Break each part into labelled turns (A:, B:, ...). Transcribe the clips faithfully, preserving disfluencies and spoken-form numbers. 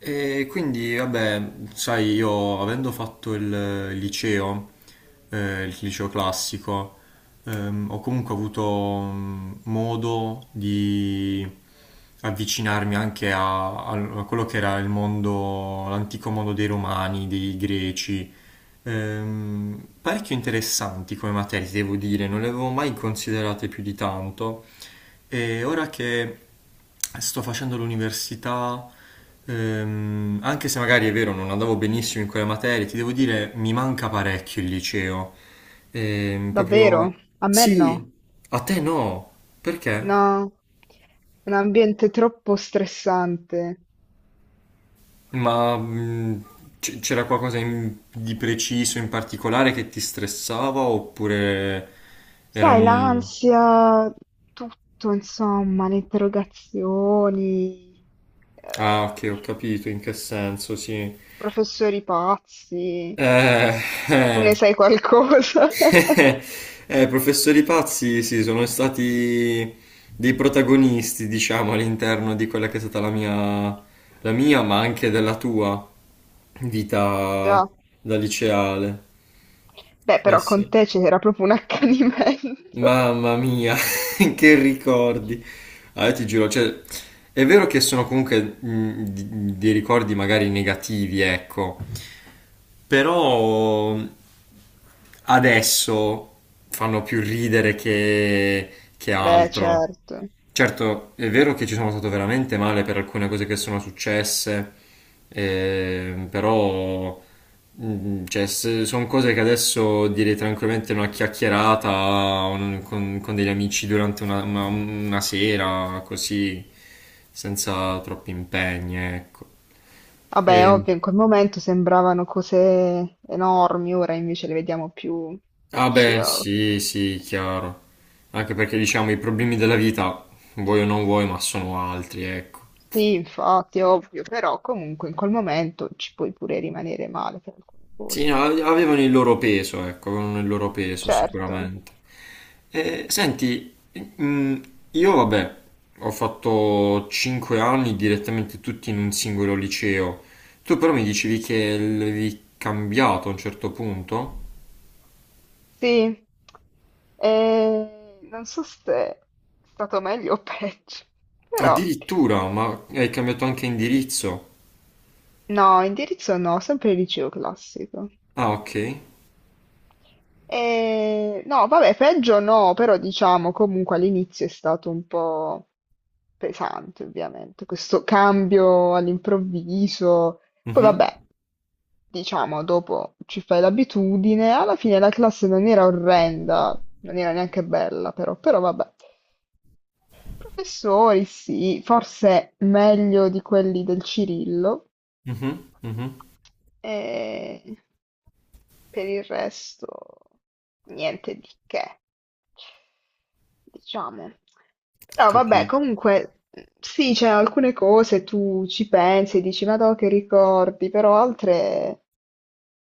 A: E quindi, vabbè, sai, io avendo fatto il il liceo, eh, il liceo classico, ehm, ho comunque avuto mm, modo di avvicinarmi anche a, a- a quello che era il mondo, l'antico mondo dei Romani, dei Greci, ehm, parecchio interessanti come materie, devo dire, non le avevo mai considerate più di tanto. E ora che sto facendo l'università, ehm, anche se magari è vero, non andavo benissimo in quelle materie, ti devo dire, mi manca parecchio il liceo. Ehm,
B: Davvero?
A: proprio...
B: A me no.
A: Sì, a te no. Perché?
B: No, un ambiente troppo stressante.
A: Ma mh, c- c'era qualcosa in- di preciso, in particolare, che ti stressava oppure
B: Sai,
A: erano...
B: l'ansia, tutto, insomma, le interrogazioni,
A: Ah,
B: eh,
A: ok, ho capito in che senso, sì.
B: professori pazzi.
A: Eh,
B: Tu
A: eh.
B: ne sai qualcosa?
A: Eh, professori pazzi, sì, sono stati dei protagonisti, diciamo, all'interno di quella che è stata la mia, la mia, ma anche della tua vita
B: Già.
A: da liceale.
B: Beh,
A: Eh
B: però con
A: sì.
B: te c'era proprio un accanimento.
A: Mamma mia, che ricordi. Ah, io ti giuro, cioè, è vero che sono comunque mh, di- dei ricordi magari negativi, ecco, però adesso fanno più ridere che, che
B: Beh,
A: altro.
B: certo.
A: Certo, è vero che ci sono stato veramente male per alcune cose che sono successe, ehm, però mm, cioè, sono cose che adesso direi tranquillamente una chiacchierata un- con, con degli amici durante una, una- una sera, così, senza troppi impegni, ecco.
B: Vabbè, è ovvio, in quel momento sembravano cose enormi, ora invece le vediamo più
A: Ah beh,
B: chill.
A: sì, sì, chiaro. Anche perché diciamo i problemi della vita, vuoi o non vuoi, ma sono altri, ecco.
B: Sì, infatti, ovvio, però comunque in quel momento ci puoi pure rimanere male per alcune
A: Sì,
B: cose.
A: no, avevano il loro peso, ecco, avevano il loro peso
B: Certo,
A: sicuramente. Eh, senti, mm, io vabbè, ho fatto cinque anni direttamente tutti in un singolo liceo. Tu però mi dicevi che l'avevi cambiato a un certo punto?
B: sì. E non so se è stato meglio o peggio, però
A: Addirittura, ma hai cambiato anche indirizzo.
B: no, indirizzo no, sempre liceo classico.
A: Ah, ok.
B: Eh, no, vabbè, peggio no, però diciamo comunque all'inizio è stato un po' pesante, ovviamente, questo cambio all'improvviso. Poi
A: Mhm,
B: vabbè, diciamo, dopo ci fai l'abitudine. Alla fine la classe non era orrenda, non era neanche bella, però, però vabbè. Professori, sì, forse meglio di quelli del Cirillo,
A: mhm, mhm.
B: e per il resto niente di che, diciamo. Però vabbè,
A: Capì.
B: comunque sì, c'è alcune cose tu ci pensi, e dici, ma no, che ricordi, però altre,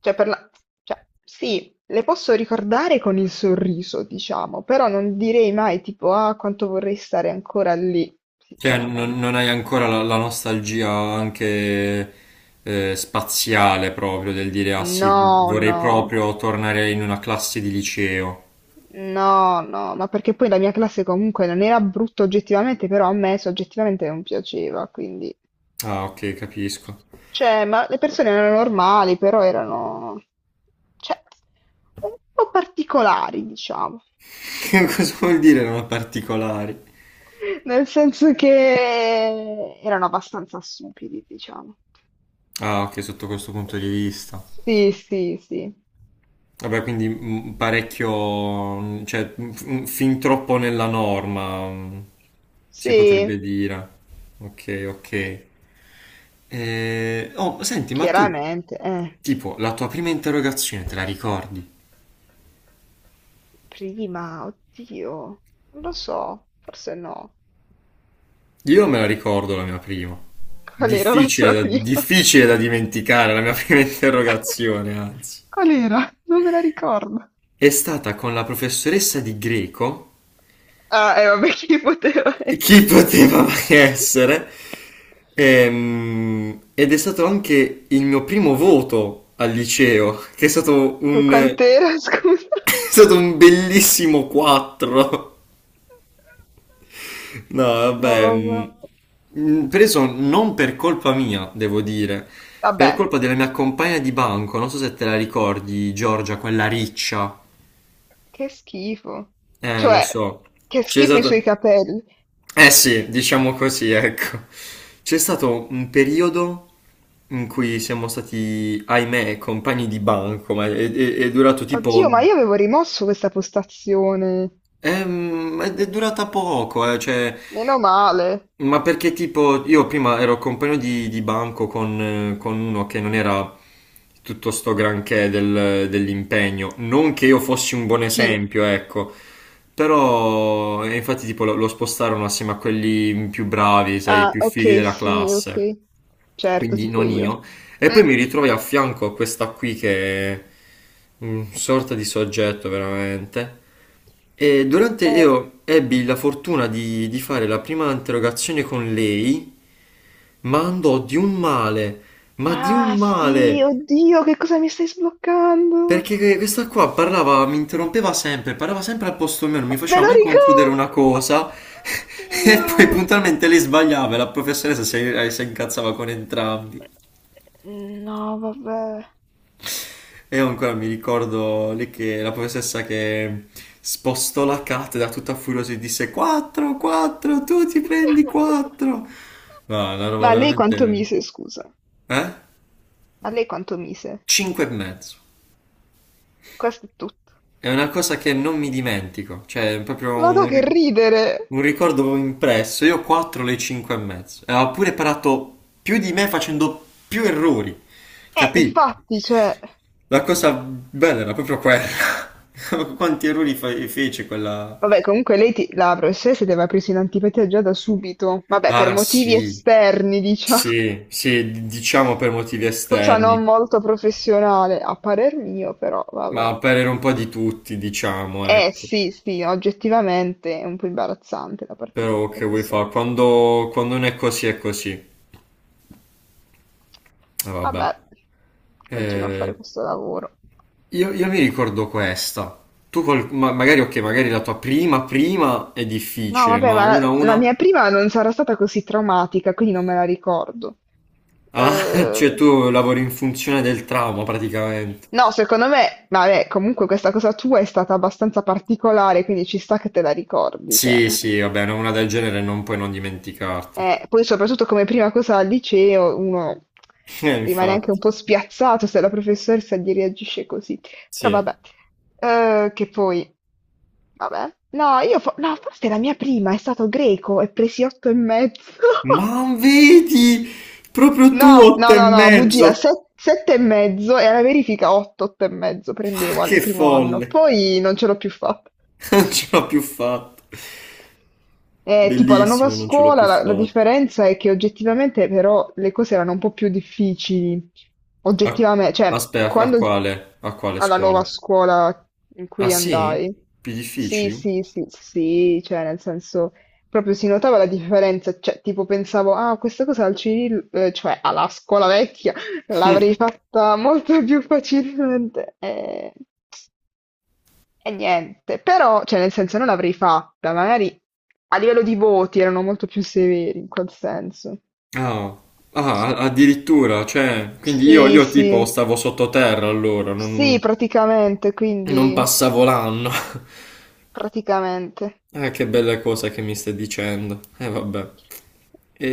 B: cioè, per la... cioè sì, le posso ricordare con il sorriso, diciamo, però non direi mai tipo, ah, quanto vorrei stare ancora lì,
A: Cioè, non,
B: sinceramente.
A: non hai ancora la, la nostalgia anche eh, spaziale proprio del dire, ah sì,
B: No,
A: vorrei
B: no.
A: proprio tornare in una classe di liceo.
B: No, no, ma perché poi la mia classe comunque non era brutta oggettivamente, però a me soggettivamente non piaceva, quindi...
A: Ah, ok, capisco.
B: Cioè, ma le persone erano normali, però erano... cioè, un po' particolari, diciamo.
A: Cosa vuol dire non particolari?
B: Nel senso che erano abbastanza stupidi, diciamo.
A: Ah, ok, sotto questo punto di vista.
B: Sì, sì, sì.
A: Vabbè, quindi mm, parecchio, mm, cioè mm, f- mm, fin troppo nella norma, mm, si
B: Sì,
A: potrebbe dire. Ok, ok. Eh, oh, senti, ma tu,
B: chiaramente. Eh.
A: tipo, la tua prima interrogazione te la ricordi?
B: Prima, oddio, non lo so, forse no.
A: Io me la ricordo la mia prima.
B: Qual era la
A: Difficile
B: tua
A: da,
B: prima?
A: difficile da dimenticare la mia prima interrogazione, anzi.
B: Qual era? Non me la ricordo.
A: È stata con la professoressa di greco,
B: Ah, eh, vabbè, chi poteva essere?
A: chi poteva mai essere. Ehm, ed è stato anche il mio primo voto al liceo, che è stato
B: E
A: un, è
B: quant'era, scusa?
A: stato un bellissimo quattro. No,
B: No,
A: vabbè,
B: vabbè.
A: mh, mh, preso non per colpa mia, devo dire,
B: Vabbè,
A: per colpa della mia compagna di banco, non so se te la ricordi, Giorgia, quella riccia.
B: che schifo.
A: Eh, lo
B: Cioè,
A: so.
B: che
A: C'è
B: schifo i suoi
A: stato.
B: capelli.
A: Eh sì, diciamo così, ecco. C'è stato un periodo in cui siamo stati, ahimè, compagni di banco, ma è, è- è durato
B: Oddio,
A: tipo.
B: ma io avevo rimosso questa postazione.
A: Ehm, È, è durata poco, eh, cioè,
B: Meno male.
A: ma perché tipo io prima ero compagno di, di banco con, eh, con uno che non era tutto sto granché del- dell'impegno, non che io fossi un buon
B: Chi?
A: esempio, ecco, però e infatti tipo lo, lo spostarono assieme a quelli più bravi, sai, i
B: Ah,
A: più fighi
B: ok,
A: della
B: sì,
A: classe,
B: ok. Certo,
A: quindi
B: tipo
A: non
B: io.
A: io. E
B: Mm.
A: poi mi ritrovai a fianco a questa qui che è un sorta di soggetto veramente. E durante
B: Eh.
A: io ebbi la fortuna di, di fare la prima interrogazione con lei, ma andò di un male, ma di
B: Ah,
A: un
B: sì,
A: male,
B: oddio, che cosa mi stai sbloccando?
A: perché que- questa qua parlava, mi interrompeva sempre, parlava sempre al posto mio, non mi
B: Me
A: faceva
B: lo
A: mai concludere
B: ricordo!
A: una cosa, e
B: Oddio!
A: poi puntualmente lei sbagliava e la professoressa si, eh, si incazzava con entrambi.
B: No, vabbè.
A: E io ancora mi ricordo lì che la professoressa che spostò la cattedra tutta furiosa e disse quattro, quattro, tu ti prendi quattro. No, una roba
B: Ma a lei quanto
A: veramente...
B: mise, scusa?
A: Eh?
B: A lei quanto mise?
A: cinque e mezzo.
B: Questo è tutto.
A: È una cosa che non mi dimentico, cioè è proprio
B: Vado
A: un,
B: che
A: ri-
B: ridere!
A: un ricordo impresso. Io ho quattro le cinque e mezzo. E ha pure parato più di me facendo più errori.
B: Eh,
A: Capì?
B: infatti, cioè...
A: La cosa bella era proprio quella. Quanti errori fe- fece quella...
B: Vabbè, comunque lei, ti- la professoressa ti aveva preso in antipatia già da subito. Vabbè, per
A: Ah
B: motivi
A: sì,
B: esterni, diciamo.
A: sì, sì, d- diciamo per motivi
B: Cosa non
A: esterni,
B: molto professionale, a parer mio, però vabbè.
A: ma per errore un po' di tutti, diciamo,
B: Eh
A: ecco.
B: sì, sì, oggettivamente è un po' imbarazzante da parte di una
A: Però che vuoi fare?
B: professoressa.
A: Quando, quando non è così è così. Ah, vabbè.
B: Vabbè, continuo a fare
A: Eh,
B: questo lavoro.
A: io, io mi ricordo questa. Tu col- ma- magari, ok, magari la tua prima prima è
B: No,
A: difficile,
B: vabbè,
A: ma
B: ma la,
A: una a
B: la
A: una?
B: mia prima non sarà stata così traumatica, quindi non me la ricordo.
A: Ah,
B: Eh,
A: cioè tu lavori in funzione del trauma praticamente.
B: no, secondo me, vabbè, comunque questa cosa tua è stata abbastanza particolare, quindi ci sta che te la ricordi, cioè.
A: Sì, sì, vabbè, no, una del genere non puoi non dimenticartela.
B: Eh, poi soprattutto come prima cosa al liceo uno
A: Eh,
B: rimane anche un
A: infatti,
B: po' spiazzato se la professoressa gli reagisce così. Però
A: sì.
B: vabbè, eh, che poi, vabbè. No, io fo- no, forse la mia prima è stato greco e presi otto e mezzo.
A: Ma vedi, proprio
B: No,
A: tu
B: no,
A: otto e
B: no, no, bugia,
A: mezzo.
B: se- sette e mezzo e alla verifica otto, otto e mezzo prendevo
A: Che
B: al primo anno.
A: folle.
B: Poi non ce l'ho più fatta.
A: Non ce l'ho più fatta.
B: Eh, tipo alla nuova
A: Bellissimo, non ce l'ho più
B: scuola la, la
A: fatta.
B: differenza è che oggettivamente però le cose erano un po' più difficili,
A: A-
B: oggettivamente, cioè
A: Aspetta, a
B: quando
A: quale? A quale
B: alla nuova
A: scuola?
B: scuola in
A: Ah
B: cui
A: sì?
B: andai,
A: Più
B: sì,
A: difficili?
B: sì, sì, sì, cioè nel senso proprio si notava la differenza, cioè tipo pensavo, ah, questa cosa al Cirillo, eh, cioè alla scuola vecchia, l'avrei fatta molto più facilmente. Eh, e niente, però, cioè nel senso non l'avrei fatta, magari a livello di voti erano molto più severi in quel senso.
A: Ah, ah, a- addirittura, cioè, quindi io,
B: Sì,
A: io
B: sì,
A: tipo stavo sottoterra allora,
B: sì,
A: non,
B: praticamente,
A: non
B: quindi
A: passavo l'anno.
B: praticamente.
A: Ah, che belle cose che mi stai dicendo. Eh, vabbè.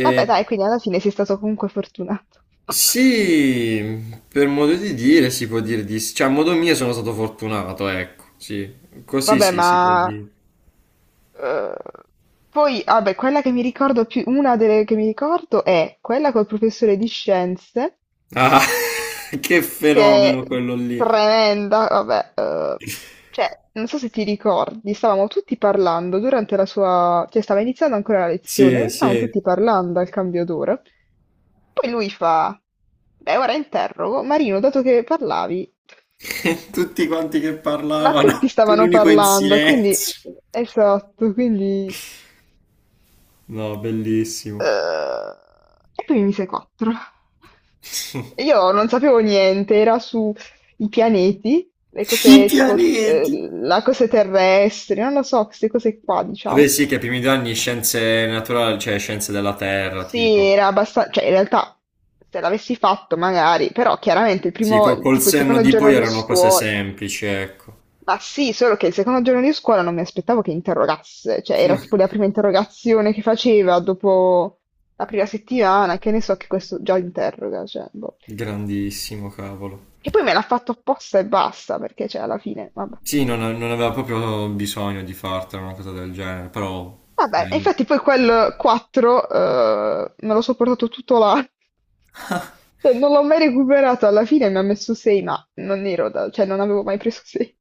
B: Vabbè, dai, quindi alla fine sei stato comunque fortunato.
A: sì, per modo di dire si può dire di sì. Cioè, a modo mio sono stato fortunato, ecco, sì. Così
B: Vabbè,
A: sì, si può
B: ma
A: dire.
B: eh, poi, vabbè, quella che mi ricordo più, una delle che mi ricordo è quella col professore di scienze
A: Ah, che
B: che
A: fenomeno
B: è
A: quello lì.
B: tremenda, vabbè, eh, cioè, non so se ti ricordi, stavamo tutti parlando durante la sua, cioè stava iniziando ancora la
A: Sì,
B: lezione e
A: sì.
B: stavamo tutti parlando al cambio d'ora. Poi lui fa, beh, ora interrogo, Marino, dato che parlavi,
A: E tutti quanti che
B: ma tutti
A: parlavano, tu
B: stavano
A: l'unico in
B: parlando, quindi,
A: silenzio.
B: esatto, quindi
A: No, bellissimo.
B: eh, e poi mi mise quattro. Io non sapevo niente, era su i pianeti, le
A: I
B: cose tipo, eh,
A: pianeti.
B: la cose terrestri, non lo so, queste cose qua, diciamo.
A: Vabbè, sì, che i primi due anni scienze naturali, cioè scienze della Terra,
B: Sì,
A: tipo.
B: era abbastanza, cioè in realtà se l'avessi fatto magari, però chiaramente il
A: Sì, col,
B: primo,
A: col
B: tipo il
A: senno
B: secondo
A: di poi
B: giorno di
A: erano cose
B: scuola,
A: semplici, ecco.
B: ma sì, solo che il secondo giorno di scuola non mi aspettavo che interrogasse, cioè era tipo la prima interrogazione che faceva dopo la prima settimana, che ne so che questo già interroga, cioè, boh.
A: Grandissimo, cavolo.
B: Che poi me l'ha fatto apposta e basta, perché cioè alla fine, vabbè.
A: Sì, non, non aveva proprio bisogno di fartela una cosa del genere, però
B: Vabbè, e
A: eh,
B: infatti poi quel quattro eh, me lo so portato tutto l'anno. Cioè, non l'ho mai recuperato, alla fine mi ha messo sei, ma non ero da- cioè non avevo mai preso sei.